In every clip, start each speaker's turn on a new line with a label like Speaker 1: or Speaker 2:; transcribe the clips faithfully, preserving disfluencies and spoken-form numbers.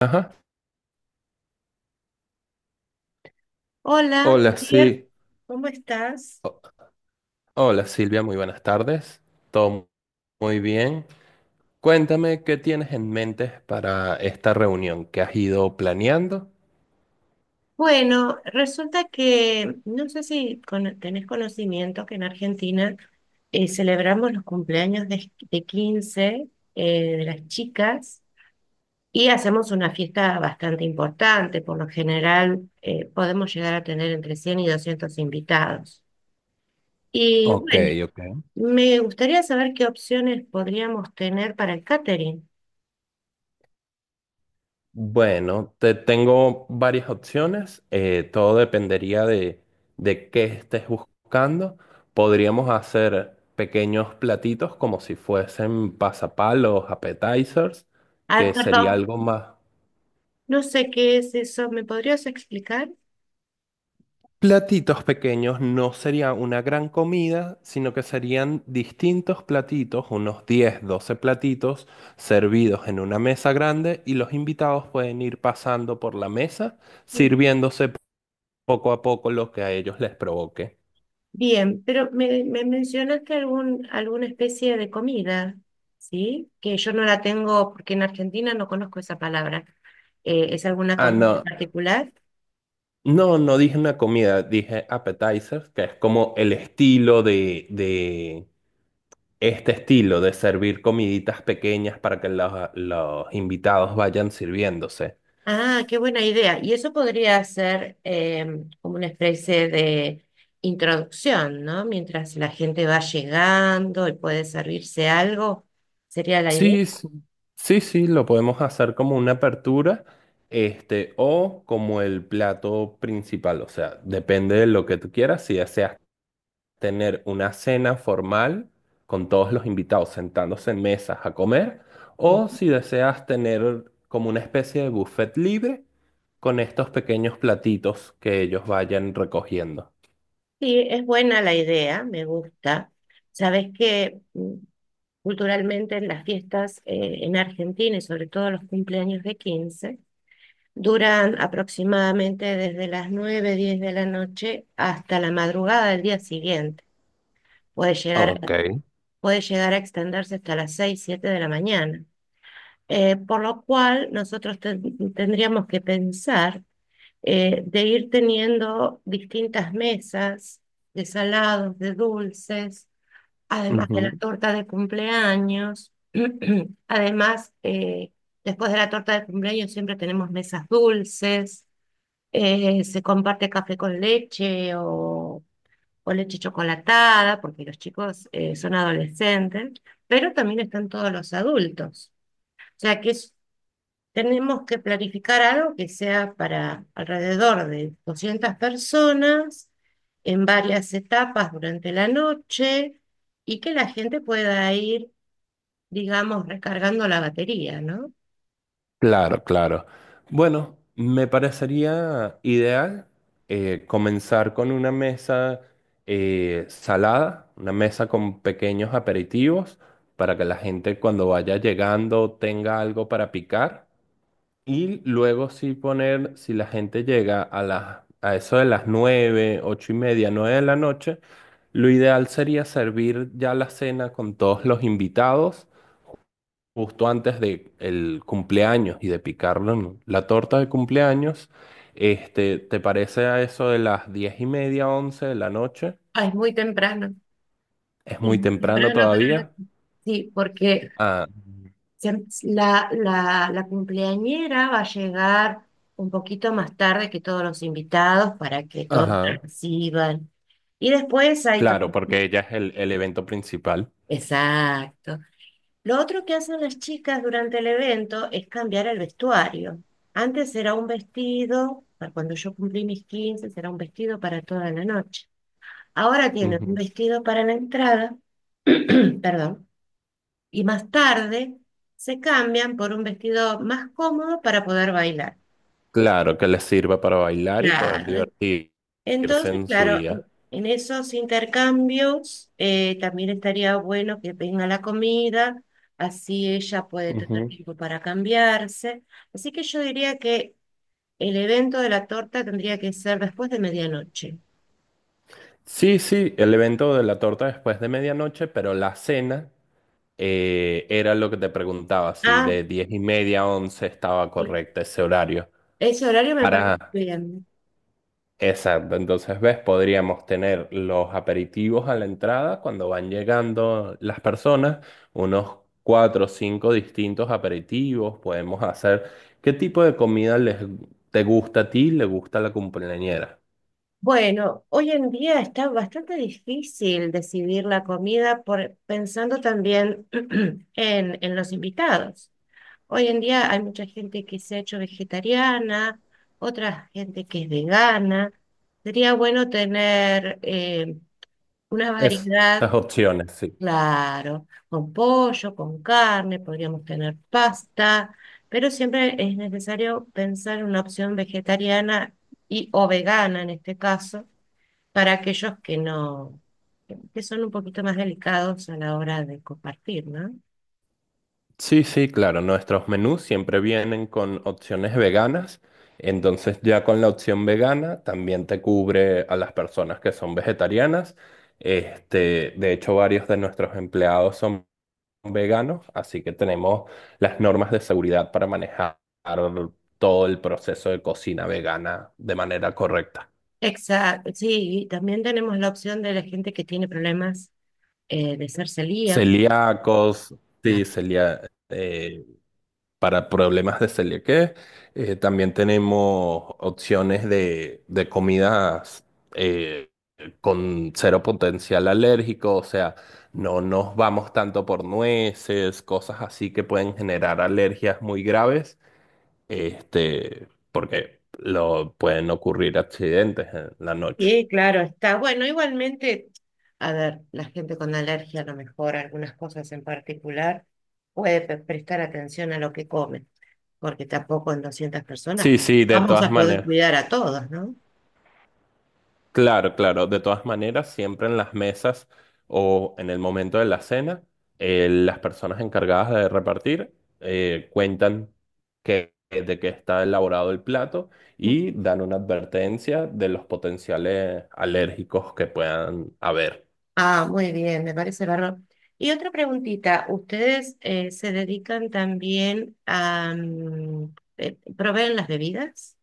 Speaker 1: Ajá.
Speaker 2: Hola,
Speaker 1: Hola,
Speaker 2: Pierre,
Speaker 1: sí.
Speaker 2: ¿cómo estás?
Speaker 1: O- Hola, Silvia, muy buenas tardes. Todo muy bien. Cuéntame qué tienes en mente para esta reunión que has ido planeando.
Speaker 2: Bueno, resulta que no sé si cono- tenés conocimiento que en Argentina eh, celebramos los cumpleaños de, de quince eh, de las chicas y hacemos una fiesta bastante importante. Por lo general eh, podemos llegar a tener entre cien y doscientos invitados. Y
Speaker 1: Ok,
Speaker 2: bueno,
Speaker 1: ok.
Speaker 2: me gustaría saber qué opciones podríamos tener para el catering.
Speaker 1: Bueno, te tengo varias opciones. Eh, todo dependería de, de qué estés buscando. Podríamos hacer pequeños platitos como si fuesen pasapalos, appetizers,
Speaker 2: Ah,
Speaker 1: que sería
Speaker 2: perdón,
Speaker 1: algo más.
Speaker 2: no sé qué es eso. ¿Me podrías explicar?
Speaker 1: Platitos pequeños no sería una gran comida, sino que serían distintos platitos, unos diez, doce platitos servidos en una mesa grande y los invitados pueden ir pasando por la mesa, sirviéndose poco a poco lo que a ellos les provoque.
Speaker 2: Bien, pero me, me mencionaste algún, alguna especie de comida, ¿sí? Que yo no la tengo porque en Argentina no conozco esa palabra. Eh, ¿es alguna
Speaker 1: Ah,
Speaker 2: comida en
Speaker 1: no,
Speaker 2: particular?
Speaker 1: no, no dije una comida, dije appetizers, que es como el estilo de, de este estilo de servir comiditas pequeñas para que los los invitados vayan sirviéndose.
Speaker 2: Ah, qué buena idea. Y eso podría ser em, como una especie de introducción, ¿no? Mientras la gente va llegando y puede servirse algo, sería la idea.
Speaker 1: Sí, s- sí, sí, lo podemos hacer como una apertura, este, o como el plato principal, o sea, depende de lo que tú quieras, si deseas tener una cena formal con todos los invitados sentándose en mesas a comer,
Speaker 2: Sí,
Speaker 1: o si deseas tener como una especie de buffet libre con estos pequeños platitos que ellos vayan recogiendo.
Speaker 2: sí, es buena la idea, me gusta. Sabes que culturalmente, en las fiestas eh, en Argentina y sobre todo los cumpleaños de quince, duran aproximadamente desde las nueve diez de la noche hasta la madrugada del día siguiente. Puede
Speaker 1: Ok.
Speaker 2: llegar, puede llegar a extenderse hasta las seis siete de la mañana. Eh, por lo cual, nosotros ten- tendríamos que pensar eh, de ir teniendo distintas mesas de salados, de dulces además de la torta de cumpleaños. Además, eh, después de la torta de cumpleaños siempre tenemos mesas dulces, eh, se comparte café con leche o, o leche chocolatada, porque los chicos eh, son adolescentes, pero también están todos los adultos. O sea que es, tenemos que planificar algo que sea para alrededor de doscientas personas en varias etapas durante la noche y que la gente pueda ir, digamos, recargando la batería, ¿no?
Speaker 1: Claro, claro. Bueno, me parecería ideal eh, comenzar con una mesa eh, salada, una mesa con pequeños aperitivos para que la gente cuando vaya llegando tenga algo para picar y luego sí poner, si la gente llega a las, a eso de las nueve, ocho y media, nueve de la noche, lo ideal sería servir ya la cena con todos los invitados justo antes de el cumpleaños y de picarlo en la torta de cumpleaños, este, ¿te parece a eso de las diez y media, once de la noche?
Speaker 2: Ah, es muy temprano.
Speaker 1: ¿Es
Speaker 2: Sí,
Speaker 1: muy
Speaker 2: muy
Speaker 1: temprano
Speaker 2: temprano para la-
Speaker 1: todavía?
Speaker 2: sí, porque
Speaker 1: Ah,
Speaker 2: se- la, la, la cumpleañera va a llegar un poquito más tarde que todos los invitados para que todos
Speaker 1: ajá,
Speaker 2: reciban. Y después hay todo.
Speaker 1: claro, porque ya es el, el evento principal.
Speaker 2: Exacto. Lo otro que hacen las chicas durante el evento es cambiar el vestuario. Antes era un vestido, para cuando yo cumplí mis quince era un vestido para toda la noche. Ahora tienen un
Speaker 1: Ujú.
Speaker 2: vestido para la entrada, perdón, y más tarde se cambian por un vestido más cómodo para poder bailar.
Speaker 1: Claro, que les sirva para bailar y poder
Speaker 2: Claro,
Speaker 1: divertirse
Speaker 2: entonces,
Speaker 1: en su
Speaker 2: claro, en,
Speaker 1: día.
Speaker 2: en esos intercambios eh, también estaría bueno que venga la comida, así ella puede tener
Speaker 1: Ujú.
Speaker 2: tiempo para cambiarse. Así que yo diría que el evento de la torta tendría que ser después de medianoche.
Speaker 1: Sí, sí, el evento de la torta después de medianoche, pero la cena. Eh, era lo que te preguntaba, si
Speaker 2: Ah,
Speaker 1: de diez y media a once estaba
Speaker 2: sí,
Speaker 1: correcto ese horario.
Speaker 2: ese horario me parece
Speaker 1: Para,
Speaker 2: bien.
Speaker 1: exacto, entonces ves, podríamos tener los aperitivos a la entrada cuando van llegando las personas, unos cuatro o cinco distintos aperitivos, podemos hacer qué tipo de comida les, te gusta a ti, le gusta a la cumpleañera.
Speaker 2: Bueno, hoy en día está bastante difícil decidir la comida por, pensando también en, en los invitados. Hoy en día hay mucha gente que se ha hecho vegetariana, otra gente que es vegana. Sería bueno tener eh, una
Speaker 1: Esas
Speaker 2: variedad,
Speaker 1: opciones, sí.
Speaker 2: claro, con pollo, con carne, podríamos tener pasta, pero siempre es necesario pensar en una opción vegetariana y o vegana en este caso, para aquellos que no, que son un poquito más delicados a la hora de compartir, ¿no?
Speaker 1: Sí, sí, claro. Nuestros menús siempre vienen con opciones veganas. Entonces ya con la opción vegana también te cubre a las personas que son vegetarianas. Este, de hecho, varios de nuestros empleados son veganos, así que tenemos las normas de seguridad para manejar todo el proceso de cocina vegana de manera correcta.
Speaker 2: Exacto, sí, y también tenemos la opción de la gente que tiene problemas eh, de ser celíaca.
Speaker 1: Celíacos, sí, celíacos para problemas de celiaquía. Eh, también tenemos opciones de, de comidas eh, con cero potencial alérgico, o sea, no nos vamos tanto por nueces, cosas así que pueden generar alergias muy graves, este, porque lo, pueden ocurrir accidentes en la noche.
Speaker 2: Y claro, está bueno, igualmente, a ver, la gente con alergia a lo mejor, algunas cosas en particular, puede pre- prestar atención a lo que come, porque tampoco en doscientas personas
Speaker 1: Sí, sí, de
Speaker 2: vamos
Speaker 1: todas
Speaker 2: a poder
Speaker 1: maneras.
Speaker 2: cuidar a todos, ¿no?
Speaker 1: Claro, claro. De todas maneras, siempre en las mesas o en el momento de la cena, eh, las personas encargadas de repartir eh, cuentan que, de qué está elaborado el plato y dan una advertencia de los potenciales alérgicos que puedan haber.
Speaker 2: Ah, muy bien, me parece bárbaro. Y otra preguntita, ¿ustedes eh, se dedican también a... mm, eh, proveen las bebidas?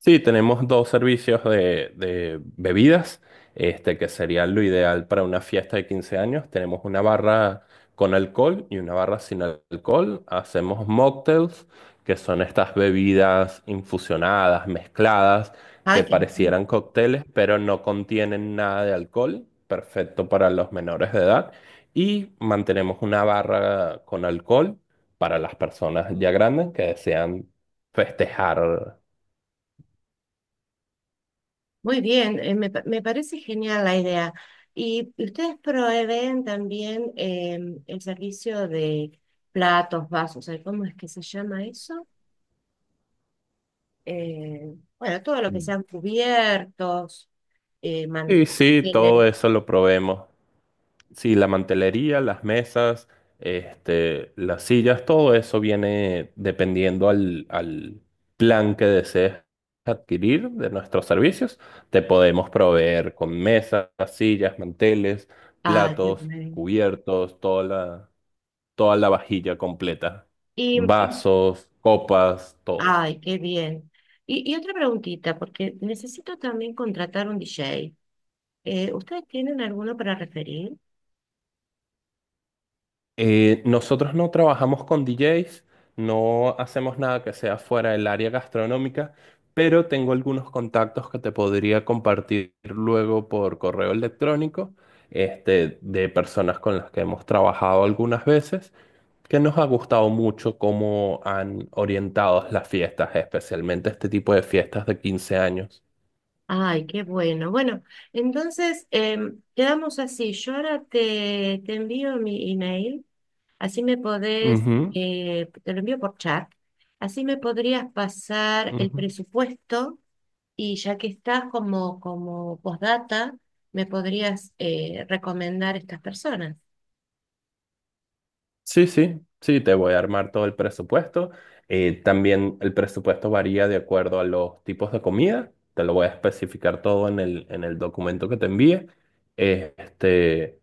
Speaker 1: Sí, tenemos dos servicios de, de bebidas, este, que sería lo ideal para una fiesta de quince años. Tenemos una barra con alcohol y una barra sin alcohol. Hacemos mocktails, que son estas bebidas infusionadas, mezcladas,
Speaker 2: Ay,
Speaker 1: que
Speaker 2: qué-
Speaker 1: parecieran cócteles, pero no contienen nada de alcohol, perfecto para los menores de edad. Y mantenemos una barra con alcohol para las personas ya grandes que desean festejar.
Speaker 2: muy bien, eh, me, pa- me parece genial la idea. ¿Y ustedes proveen también em, el servicio de platos, vasos? Ay, ¿cómo es que se llama eso? Eh, bueno, todo lo que sean cubiertos, eh,
Speaker 1: Sí, sí,
Speaker 2: manteles.
Speaker 1: todo eso lo probemos. Sí, la mantelería, las mesas, este, las sillas, todo eso viene dependiendo al, al plan que desees adquirir de nuestros servicios. Te podemos proveer con mesas, sillas, manteles,
Speaker 2: Ay, qué
Speaker 1: platos,
Speaker 2: bien.
Speaker 1: cubiertos, toda la, toda la vajilla completa,
Speaker 2: Y, y-
Speaker 1: vasos, copas, todo.
Speaker 2: ay, qué bien. Y, y otra preguntita, porque necesito también contratar un D J. Eh, ¿ustedes tienen alguno para referir?
Speaker 1: Eh, nosotros no trabajamos con D Jotas, no hacemos nada que sea fuera del área gastronómica, pero tengo algunos contactos que te podría compartir luego por correo electrónico, este, de personas con las que hemos trabajado algunas veces, que nos ha gustado mucho cómo han orientado las fiestas, especialmente este tipo de fiestas de quince años.
Speaker 2: Ay, qué bueno. Bueno, entonces em, quedamos así. Yo ahora te, te envío mi email, así me podés,
Speaker 1: Ujú,
Speaker 2: eh, te lo envío por chat, así me podrías pasar el
Speaker 1: ujú.
Speaker 2: presupuesto y ya que estás como, como postdata, me podrías eh, recomendar estas personas.
Speaker 1: Sí, sí, sí, te voy a armar todo el presupuesto. Eh, también el presupuesto varía de acuerdo a los tipos de comida. Te lo voy a especificar todo en el, en el documento que te envíe. Eh, Este,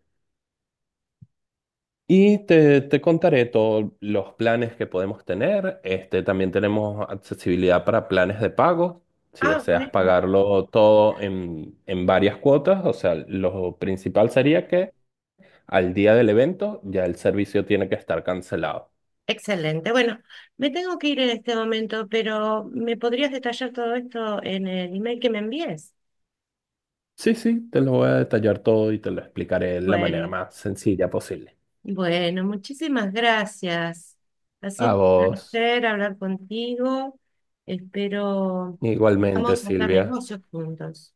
Speaker 1: y te, te contaré todos los planes que podemos tener. Este, también tenemos accesibilidad para planes de pago. Si
Speaker 2: Ah,
Speaker 1: deseas
Speaker 2: bueno.
Speaker 1: pagarlo todo en, en varias cuotas, o sea, lo principal sería que al día del evento ya el servicio tiene que estar cancelado.
Speaker 2: Excelente. Bueno, me tengo que ir en este momento, pero ¿me podrías detallar todo esto en el email que me envíes?
Speaker 1: Sí, sí, te lo voy a detallar todo y te lo explicaré de la manera
Speaker 2: Bueno.
Speaker 1: más sencilla posible.
Speaker 2: Bueno, muchísimas gracias. Ha
Speaker 1: A
Speaker 2: sido un
Speaker 1: vos,
Speaker 2: placer hablar contigo. Espero
Speaker 1: igualmente,
Speaker 2: vamos a hacer
Speaker 1: Silvia.
Speaker 2: negocios juntos.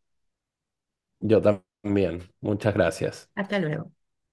Speaker 1: Yo también. Muchas gracias.
Speaker 2: Hasta luego.